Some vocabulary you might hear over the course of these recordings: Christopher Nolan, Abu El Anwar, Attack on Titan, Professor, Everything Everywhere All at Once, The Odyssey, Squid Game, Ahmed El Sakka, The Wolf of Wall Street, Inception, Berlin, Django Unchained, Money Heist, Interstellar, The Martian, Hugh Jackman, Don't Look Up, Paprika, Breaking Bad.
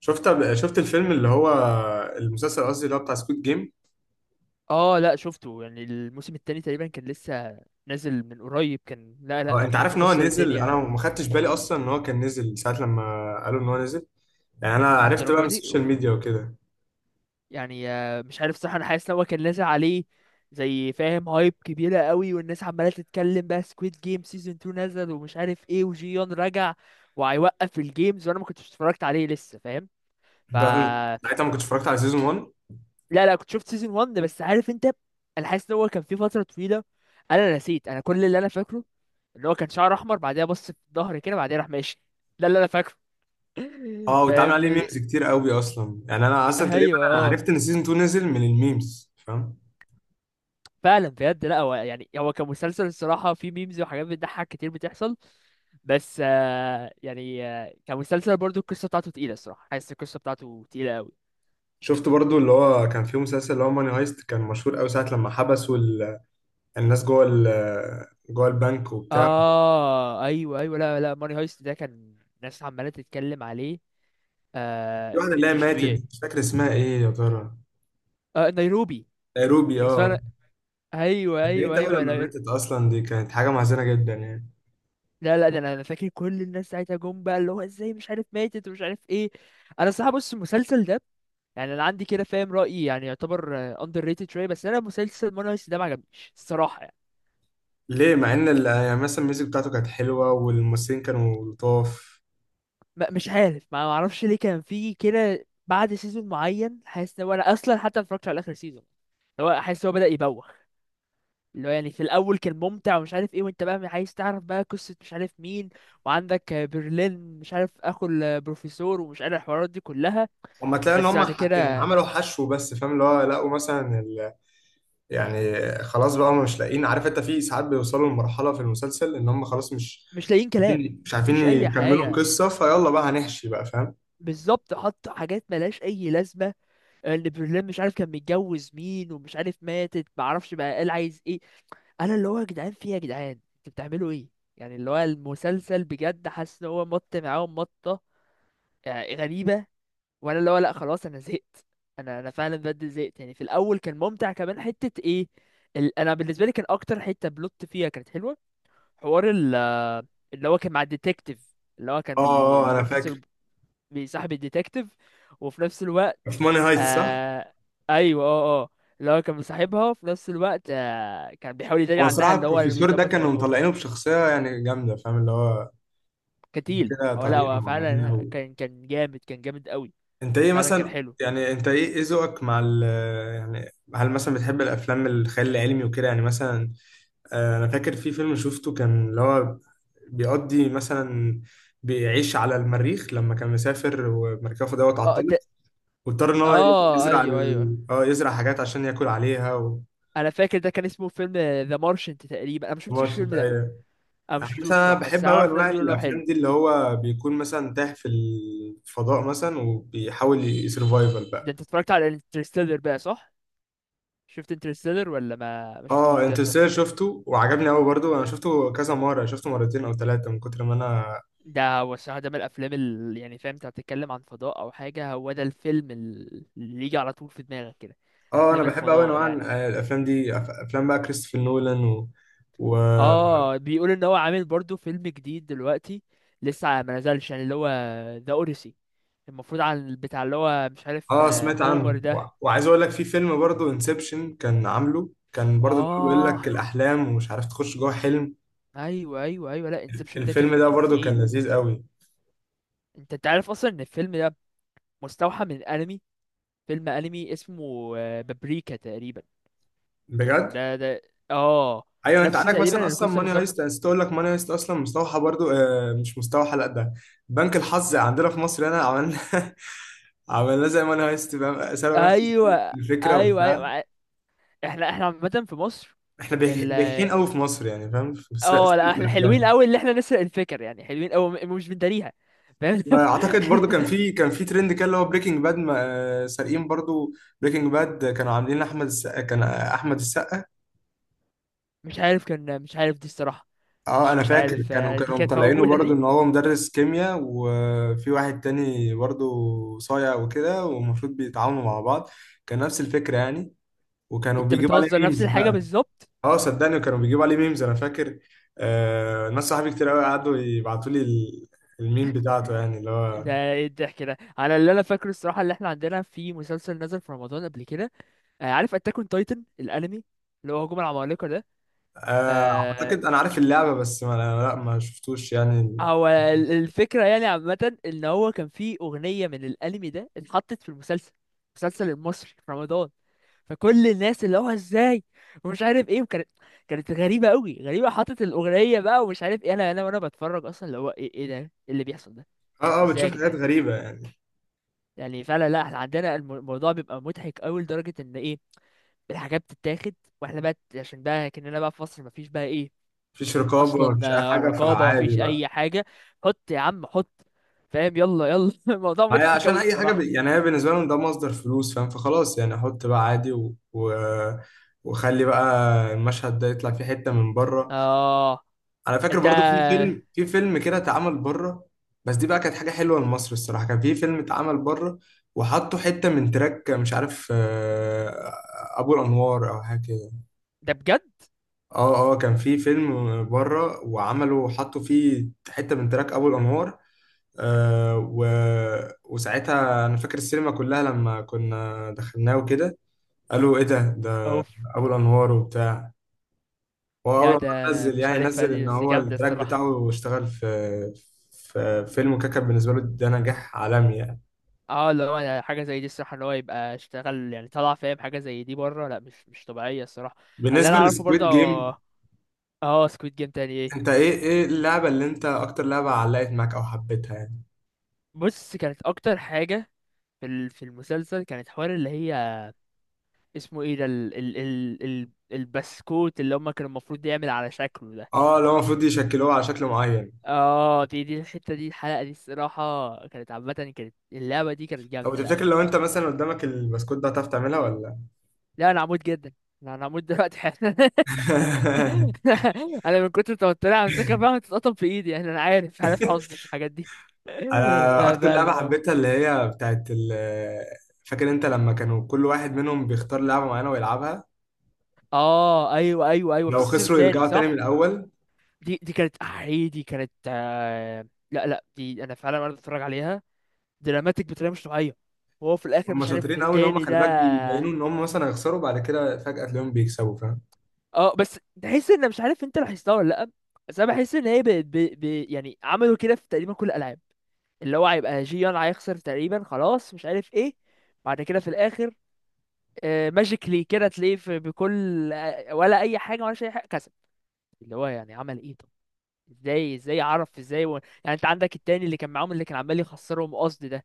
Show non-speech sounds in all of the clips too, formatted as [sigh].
شفت الفيلم اللي هو المسلسل قصدي اللي هو بتاع سكوت جيم. اه لا شفته، يعني الموسم التاني تقريبا كان لسه نازل من قريب، كان لا انا انت عارف شفته ان هو كسر نزل؟ الدنيا انا يعني ما خدتش بالي اصلا ان هو كان نزل ساعه لما قالوا ان هو نزل. يعني انا عرفت بقى للدرجه من دي. السوشيال أوف. ميديا وكده. يعني مش عارف صح، انا حاسس ان هو كان نازل عليه زي فاهم هايب كبيره قوي والناس عماله تتكلم بقى سكويد جيم سيزون 2 نزل ومش عارف ايه وجيون رجع وهيوقف الجيمز وانا ما كنتش اتفرجت عليه لسه فاهم ف. انت عارف- ساعتها ما كنتش اتفرجت على سيزون 1. لا كنت شفت سيزون 1 بس عارف انت، انا حاسس ان هو كان في فتره طويله، انا نسيت، انا كل اللي انا فاكره اللي هو كان شعره احمر بعدها بص في ظهري كده بعدها راح ماشي، ده اللي انا فاكره. اه [laughs] واتعمل فاهم عليه دي. ميمز كتير قوي اصلا، يعني انا اصلا تقريبا ايوه انا اه، عرفت ان سيزون 2 نزل من الميمز فاهم. فعلا بجد، لا هو يعني هو كمسلسل الصراحه في ميمز وحاجات بتضحك كتير بتحصل، بس كمسلسل برضو القصه بتاعته تقيله الصراحه، حاسس القصه بتاعته تقيله قوي. شفت برضو اللي هو كان فيه مسلسل اللي هو ماني هايست؟ كان مشهور قوي ساعه لما حبسوا الناس جوه البنك وبتاع. اه ايوه ايوه، لا ماني هايست ده كان ناس عماله تتكلم عليه في واحده اللي هي مش ماتت، طبيعي. مش فاكر اسمها ايه يا ترى؟ آه نيروبي نيروبي، كان اسمها. اه. ايوه اتضايقت ايوه أوي ايوه، لما ماتت أصلا، دي كانت حاجة محزنة جدا يعني. لا ده انا فاكر كل الناس ساعتها جم بقى اللي هو ازاي مش عارف ماتت ومش عارف ايه. انا الصراحه بص المسلسل ده يعني انا عندي كده فاهم رايي يعني يعتبر اندر ريتد شويه، بس انا مسلسل مون هايست ده ما عجبنيش الصراحه يعني. ليه، مع إن يعني مثلا الميوزك بتاعته كانت حلوة والممثلين كانوا لطاف؟ مش عارف، ما اعرفش ليه، كان فيه كده بعد سيزون معين حاسس ان هو، انا اصلا حتى ما اتفرجتش على اخر سيزون، اللي هو حاسس ان هو بدا يبوخ، اللي هو يعني في الاول كان ممتع ومش عارف ايه وانت بقى عايز تعرف بقى قصه مش عارف مين، وعندك برلين مش عارف اخو البروفيسور ومش عارف الحوارات دي كلها. هما تلاقي إن بس هما بعد يعني كده عملوا حشو، بس فاهم اللي هو لقوا مثلا ال... يعني خلاص بقى هما مش لاقيين، عارف أنت، في ساعات بيوصلوا لمرحلة في المسلسل إن هما خلاص مش مش لاقيين كلام، عارفين، مش عارفين مفيش اي يكملوا حاجه، القصة، فيلا بقى هنحشي بقى فاهم. بالظبط، حط حاجات ملهاش اي لازمه. اللي برلين مش عارف كان متجوز مين ومش عارف ماتت معرفش بقى قال عايز ايه. انا اللي هو يا جدعان في إيه يا جدعان، انتوا بتعملوا ايه؟ يعني اللي هو المسلسل بجد حاسس ان هو مط معاهم مطه، غريبه. وانا اللي هو لا خلاص انا زهقت، انا فعلا بجد زهقت، يعني في الاول كان ممتع كمان حته ايه ال... انا بالنسبه لي كان اكتر حته بلوت فيها كانت حلوه حوار ال... آه، اللي هو كان مع الديتكتيف، اللي هو كان اه اه، أنا البروفيسور فاكر بيصاحب الديتكتيف، وفي نفس الوقت في ماني هايت صح؟ آه. ايوه اه اه، اللي هو كان مصاحبها وفي نفس الوقت آه كان بيحاول يداري هو عنها صراحة اللي هو اللي البروفيسور ده بيظبط كانوا الموضوع مطلعينه بشخصية يعني جامدة، فاهم اللي هو كتيل. كده هو لا طريقة هو فعلا معينة. كان جامد، كان جامد قوي. انت ايه فعلا كان مثلا، حلو. يعني انت ايه ايه ذوقك مع ال، يعني هل مثلا بتحب الافلام الخيال العلمي وكده يعني مثلا؟ انا فاكر في فيلم شفته كان اللي هو بيقضي مثلا، بيعيش على المريخ لما كان مسافر ومركبه دوت اه ده، عطلت، واضطر ان هو اه يزرع ايوه ايوه، ال... اه يزرع حاجات عشان ياكل عليها و... انا فاكر ده كان اسمه فيلم ذا مارشنت تقريبا، انا ما شفتش ماشي الفيلم انت ده، ايوه. انا ما يعني شفتوش مثلا انا الصراحه بس بحب انا قوي اعرف ناس انواع بيقولوا انه حلو. الافلام دي اللي هو بيكون مثلا تاه في الفضاء مثلا وبيحاول يسرفايفل ده بقى. انت اتفرجت على انترستيلر بقى صح؟ شفت انترستيلر ولا ما اه، شفتوش ده؟ انترستيلر شفته وعجبني قوي برضو، انا شفته كذا مره، شفته مرتين او ثلاثه من كتر ما انا. ده هو الصراحة ده من الأفلام اللي يعني فاهم أنت هتتكلم عن فضاء أو حاجة هو ده الفيلم اللي يجي على طول في دماغك كده، اه انا أفلام بحب قوي الفضاء انواع يعني. الافلام دي، افلام بقى كريستوفر نولان و... و... اه بيقول إن هو عامل برضو فيلم جديد دلوقتي، لسه ما نزلش، يعني اللي هو ذا أوديسي، المفروض عن بتاع اللي هو مش عارف اه سمعت هومر عنه و... ده. وعايز اقول لك في فيلم برضو انسبشن، كان عامله كان برضو اللي هو بيقول لك اه الاحلام ومش عارف تخش جوه حلم. أيوه أيوه أيوه، لأ انسبشن ده الفيلم كان ده كان برضو كان تقيل. لذيذ قوي. أنت عارف أصلا إن الفيلم ده مستوحى من أنمي، فيلم أنمي اسمه بابريكا تقريبا، كان بجد؟ ده. اه ايوه، انت نفس عندك مثلا تقريبا اصلا القصه ماني هايست، انا بالظبط. نسيت اقول لك ماني هايست اصلا مستوحى برضو، مش مستوحى لا ده بنك الحظ عندنا في مصر هنا عملنا [laughs] عملناه زي ماني هايست فاهم، سألوا نفس ايوه الفكرة ايوه ايوه وبتاع. أيوه. احنا عامه في مصر احنا ال. بيحين قوي في مصر، يعني فاهم في سرقة اه لا سرقة احنا حلوين الافلام. قوي، اللي احنا نسرق الفكر يعني حلوين قوي مش بنداريها، فاهم. [laughs] واعتقد برضو كان في ترند كده اللي هو بريكنج باد سارقين برضو. بريكنج باد كانوا عاملين احمد السقا كان، احمد السقا. مش عارف كان، مش عارف دي الصراحه. اه مش انا مش فاكر عارف كانوا دي كانوا كانت مطلعينه موجوده برضو دي. ان هو مدرس كيمياء، وفي واحد تاني برضو صايع وكده والمفروض بيتعاونوا مع بعض. كان نفس الفكرة يعني. وكانوا انت بيجيبوا عليه بتهزر، نفس ميمز. الحاجه بالظبط. اه صدقني كانوا بيجيبوا عليه ميمز، انا فاكر آه، ناس صحابي كتير قوي قعدوا يبعتوا لي الميم بتاعته يعني اللي هو. ده ايه الضحك ده، على اللي انا فاكره الصراحه اللي احنا عندنا في مسلسل نزل في رمضان قبل كده، عارف اتاك اون تايتن الانمي، اللي هو هجوم العمالقه ده. آه اعتقد آه، انا عارف اللعبه، بس ما شفتوش يعني. هو الفكرة يعني عامة ان هو كان في اغنية من الانمي ده اتحطت في المسلسل، المسلسل المصري في رمضان، فكل الناس اللي هو ازاي ومش عارف ايه، وكانت كانت غريبة قوي، غريبة حطت الاغنية بقى ومش عارف ايه، انا وانا بتفرج اصلا اللي هو ايه ايه ده إيه اللي بيحصل ده. اه اه، ازاي يا بتشوف حاجات جدعان، غريبه يعني. يعني فعلا لا احنا عندنا الموضوع بيبقى مضحك قوي لدرجة ان ايه الحاجات بتتاخد، واحنا بقى عشان بقى كأننا بقى في مصر مفيش بقى ايه مفيش رقابه، اصلا، مفيش اي حاجه، رقابه فعادي مفيش بقى. اي حاجه، حط يا عم حط فاهم، يلا يلا. [laughs] الموضوع ما هي مضحك عشان قوي اي حاجه الصراحه. يعني هي بالنسبه لهم ده مصدر فلوس فاهم، فخلاص يعني احط بقى عادي و... و... وخلي بقى المشهد ده يطلع فيه حته من بره. اه انا فاكر انت برضو في فيلم كده اتعمل بره. بس دي بقى كانت حاجه حلوه لمصر الصراحه، كان في فيلم اتعمل بره وحطوا حته من تراك، مش عارف ابو الانوار او حاجه كده. ده بجد، اه اه، كان في فيلم بره وعملوا حطوا فيه حته من تراك ابو الانوار، آه و... وساعتها انا فاكر السينما كلها لما كنا دخلناه وكده قالوا ايه ده اوف. ابو الانوار وبتاع. هو اول لا ما ده نزل، مش يعني عارفها نزل دي ان بس هو جامده التراك الصراحه. بتاعه اشتغل في في فيلم كاكا، بالنسبه له ده نجاح عالمي يعني. اه لو انا حاجه زي دي الصراحه ان هو يبقى اشتغل يعني طلع فاهم حاجه زي دي بره، لا مش طبيعيه الصراحه. اللي انا بالنسبه اعرفه برضه. لسكويد جيم، اه سكويد جيم تاني انت ايه. ايه ايه اللعبه اللي انت اكتر لعبه علقت معاك او حبيتها يعني؟ بص كانت اكتر حاجه في المسلسل، كانت حوار اللي هي اسمه ايه ده ال البسكوت اللي هما كانوا المفروض يعمل على شكله ده. اه لو المفروض يشكلوها على شكل معين. اه دي الحتة، دي الحلقة دي الصراحة كانت عامة، كانت اللعبة دي كانت طب جامدة لا تفتكر لو يعني. انت مثلا قدامك البسكوت ده هتعرف تعملها ولا؟ لا انا عمود جدا، لا انا عمود دلوقتي حالا. [laughs] [laughs] انا من كتر توتري همسكها فعلا تتقطم في ايدي، يعني انا عارف حظي في الحاجات دي. [laughs] انا لا اكتر لعبه فعلا اه. حبيتها اللي هي بتاعت فاكر انت لما كانوا كل واحد منهم بيختار لعبه معينه ويلعبها، اه ايوه ايوه ايوه، في لو السيزون خسروا التاني يرجعوا تاني من صح. الاول. دي كانت احي، دي كانت لا دي انا فعلا وانا بتفرج عليها دراماتيك بطريقه مش طبيعيه. وهو في الاخر هم مش شاطرين عارف قوي ان هم التاني ده. خلي بالك بيبينوا ان هم مثلا هيخسروا، بعد كده فجأة تلاقيهم بيكسبوا فاهم. اه بس تحس ان مش عارف انت لاحظتها ولا لا، بس انا بحس ان هي يعني عملوا كده في تقريبا كل الالعاب، اللي هو هيبقى جيان هيخسر تقريبا خلاص مش عارف ايه، بعد كده في الاخر ماجيكلي كده تلاقيه في بكل ولا اي حاجه ولا اي حاجه كسب، اللي هو يعني عمل ايه طب، ازاي عرف ازاي و... يعني انت عندك التاني اللي كان معاهم اللي كان عمال يخسرهم قصد ده،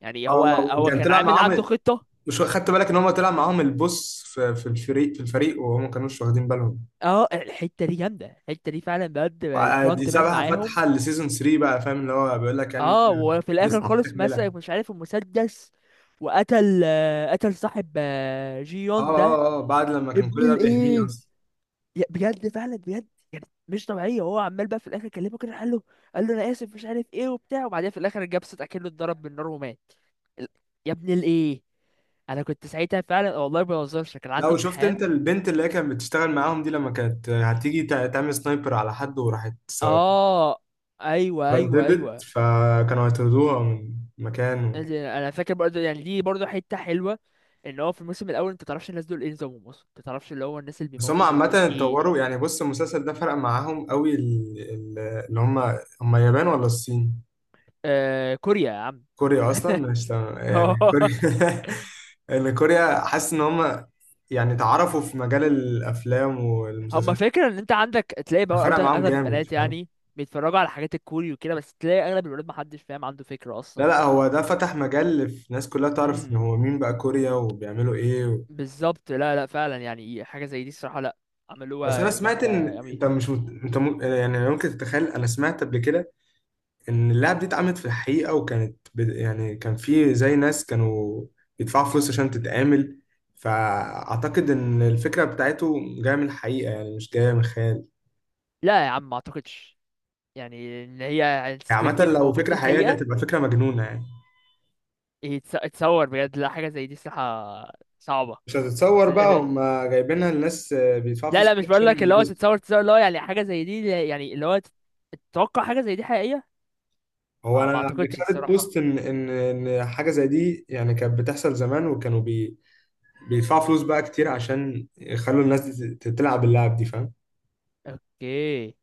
يعني هو اه هو كان كان طلع عامل عنده معاهم، خطه. مش خدت بالك ان هم طلع معاهم البوس في الفريق وهم ما كانوش واخدين بالهم. اه الحته دي جامده، الحته دي فعلا بجد دي الفرونت مان سابها معاهم. فاتحه لسيزون 3 بقى فاهم، اللي هو بيقول لك كان اه وفي الاخر لسه في خالص تكمله. مسك مش عارف المسدس، وقتل قتل صاحب اه جيون ده، اه اه، بعد لما كان كل ابن ده بيحميه الايه. اصلا. بجد فعلا بجد، يعني مش طبيعيه، هو عمال بقى في الاخر كلمه كده قال له، قال له انا اسف مش عارف ايه وبتاع، وبعدين في الاخر الجبس اتاكله، اتضرب بالنار ومات ال- يا ابن الايه. انا كنت ساعتها فعلا والله ما بهزرش كان لا عندي وشفت انت امتحان. البنت اللي هي كانت بتشتغل معاهم دي لما كانت هتيجي تعمل سنايبر على حد وراحت اه ايوه ايوه رددت، ايوه. فكانوا هيطردوها من مكان. يعني انا فاكر برضه، يعني دي برضه حته حلوه، ان هو في الموسم الاول انت تعرفش الناس دول ايه نظامهم اصلا، انت تعرفش اللي هو الناس اللي بس هم بيموتوا دول عامة دول ايه. اتطوروا يعني، بص المسلسل ده فرق معاهم قوي، اللي هم هم اليابان ولا الصين؟ آه كوريا يا عم. كوريا أصلا مش تمام يعني، [laughs] كوريا [laughs] اللي كوريا حاسس إن هم يعني اتعرفوا في مجال الأفلام هم والمسلسلات، فاكر ان انت عندك تلاقي بقى فرق برضه معاهم اغلب جامد البنات فاهم؟ يعني بيتفرجوا على حاجات الكوري وكده، بس تلاقي اغلب الولاد محدش فاهم عنده فكره لا لا، اصلا. هو ده فتح مجال في ناس كلها تعرف إن امم، هو مين بقى كوريا وبيعملوا إيه و... بالظبط، لا لا فعلا يعني حاجه زي دي الصراحه، لا بس أنا عملوها سمعت جامده إن قوي. أنت مش أنت يعني ممكن تتخيل، أنا سمعت قبل كده ان اللعب دي اتعملت في الحقيقة، وكانت يعني كان في زي ناس كانوا بيدفعوا فلوس عشان تتعمل، فأعتقد إن الفكرة بتاعته جاية من الحقيقة يعني، مش جاية من خيال. لا يا عم ما اعتقدش، يعني ان هي يعني يعني سكويد عامة جيم لو موجود في فكرة حقيقية دي الحقيقه. هتبقى فكرة مجنونة يعني. يتصور بجد، لا حاجه زي دي صراحه صعبه، مش بس هتتصور بقى هم جايبينها، الناس بيدفعوا لا فلوس لا كتير مش بقول عشان لك اللي هو يتبسطوا. تتصور، تتصور اللي هو يعني حاجه زي دي يعني اللي هو تتوقع حاجه زي دي حقيقيه. هو ما أنا قبل اعتقدش كده قريت الصراحه. بوست إن إن حاجة زي دي يعني كانت بتحصل زمان، وكانوا بيدفعوا فلوس بقى كتير عشان يخلوا الناس دي تلعب اللعب دي فاهم اوكي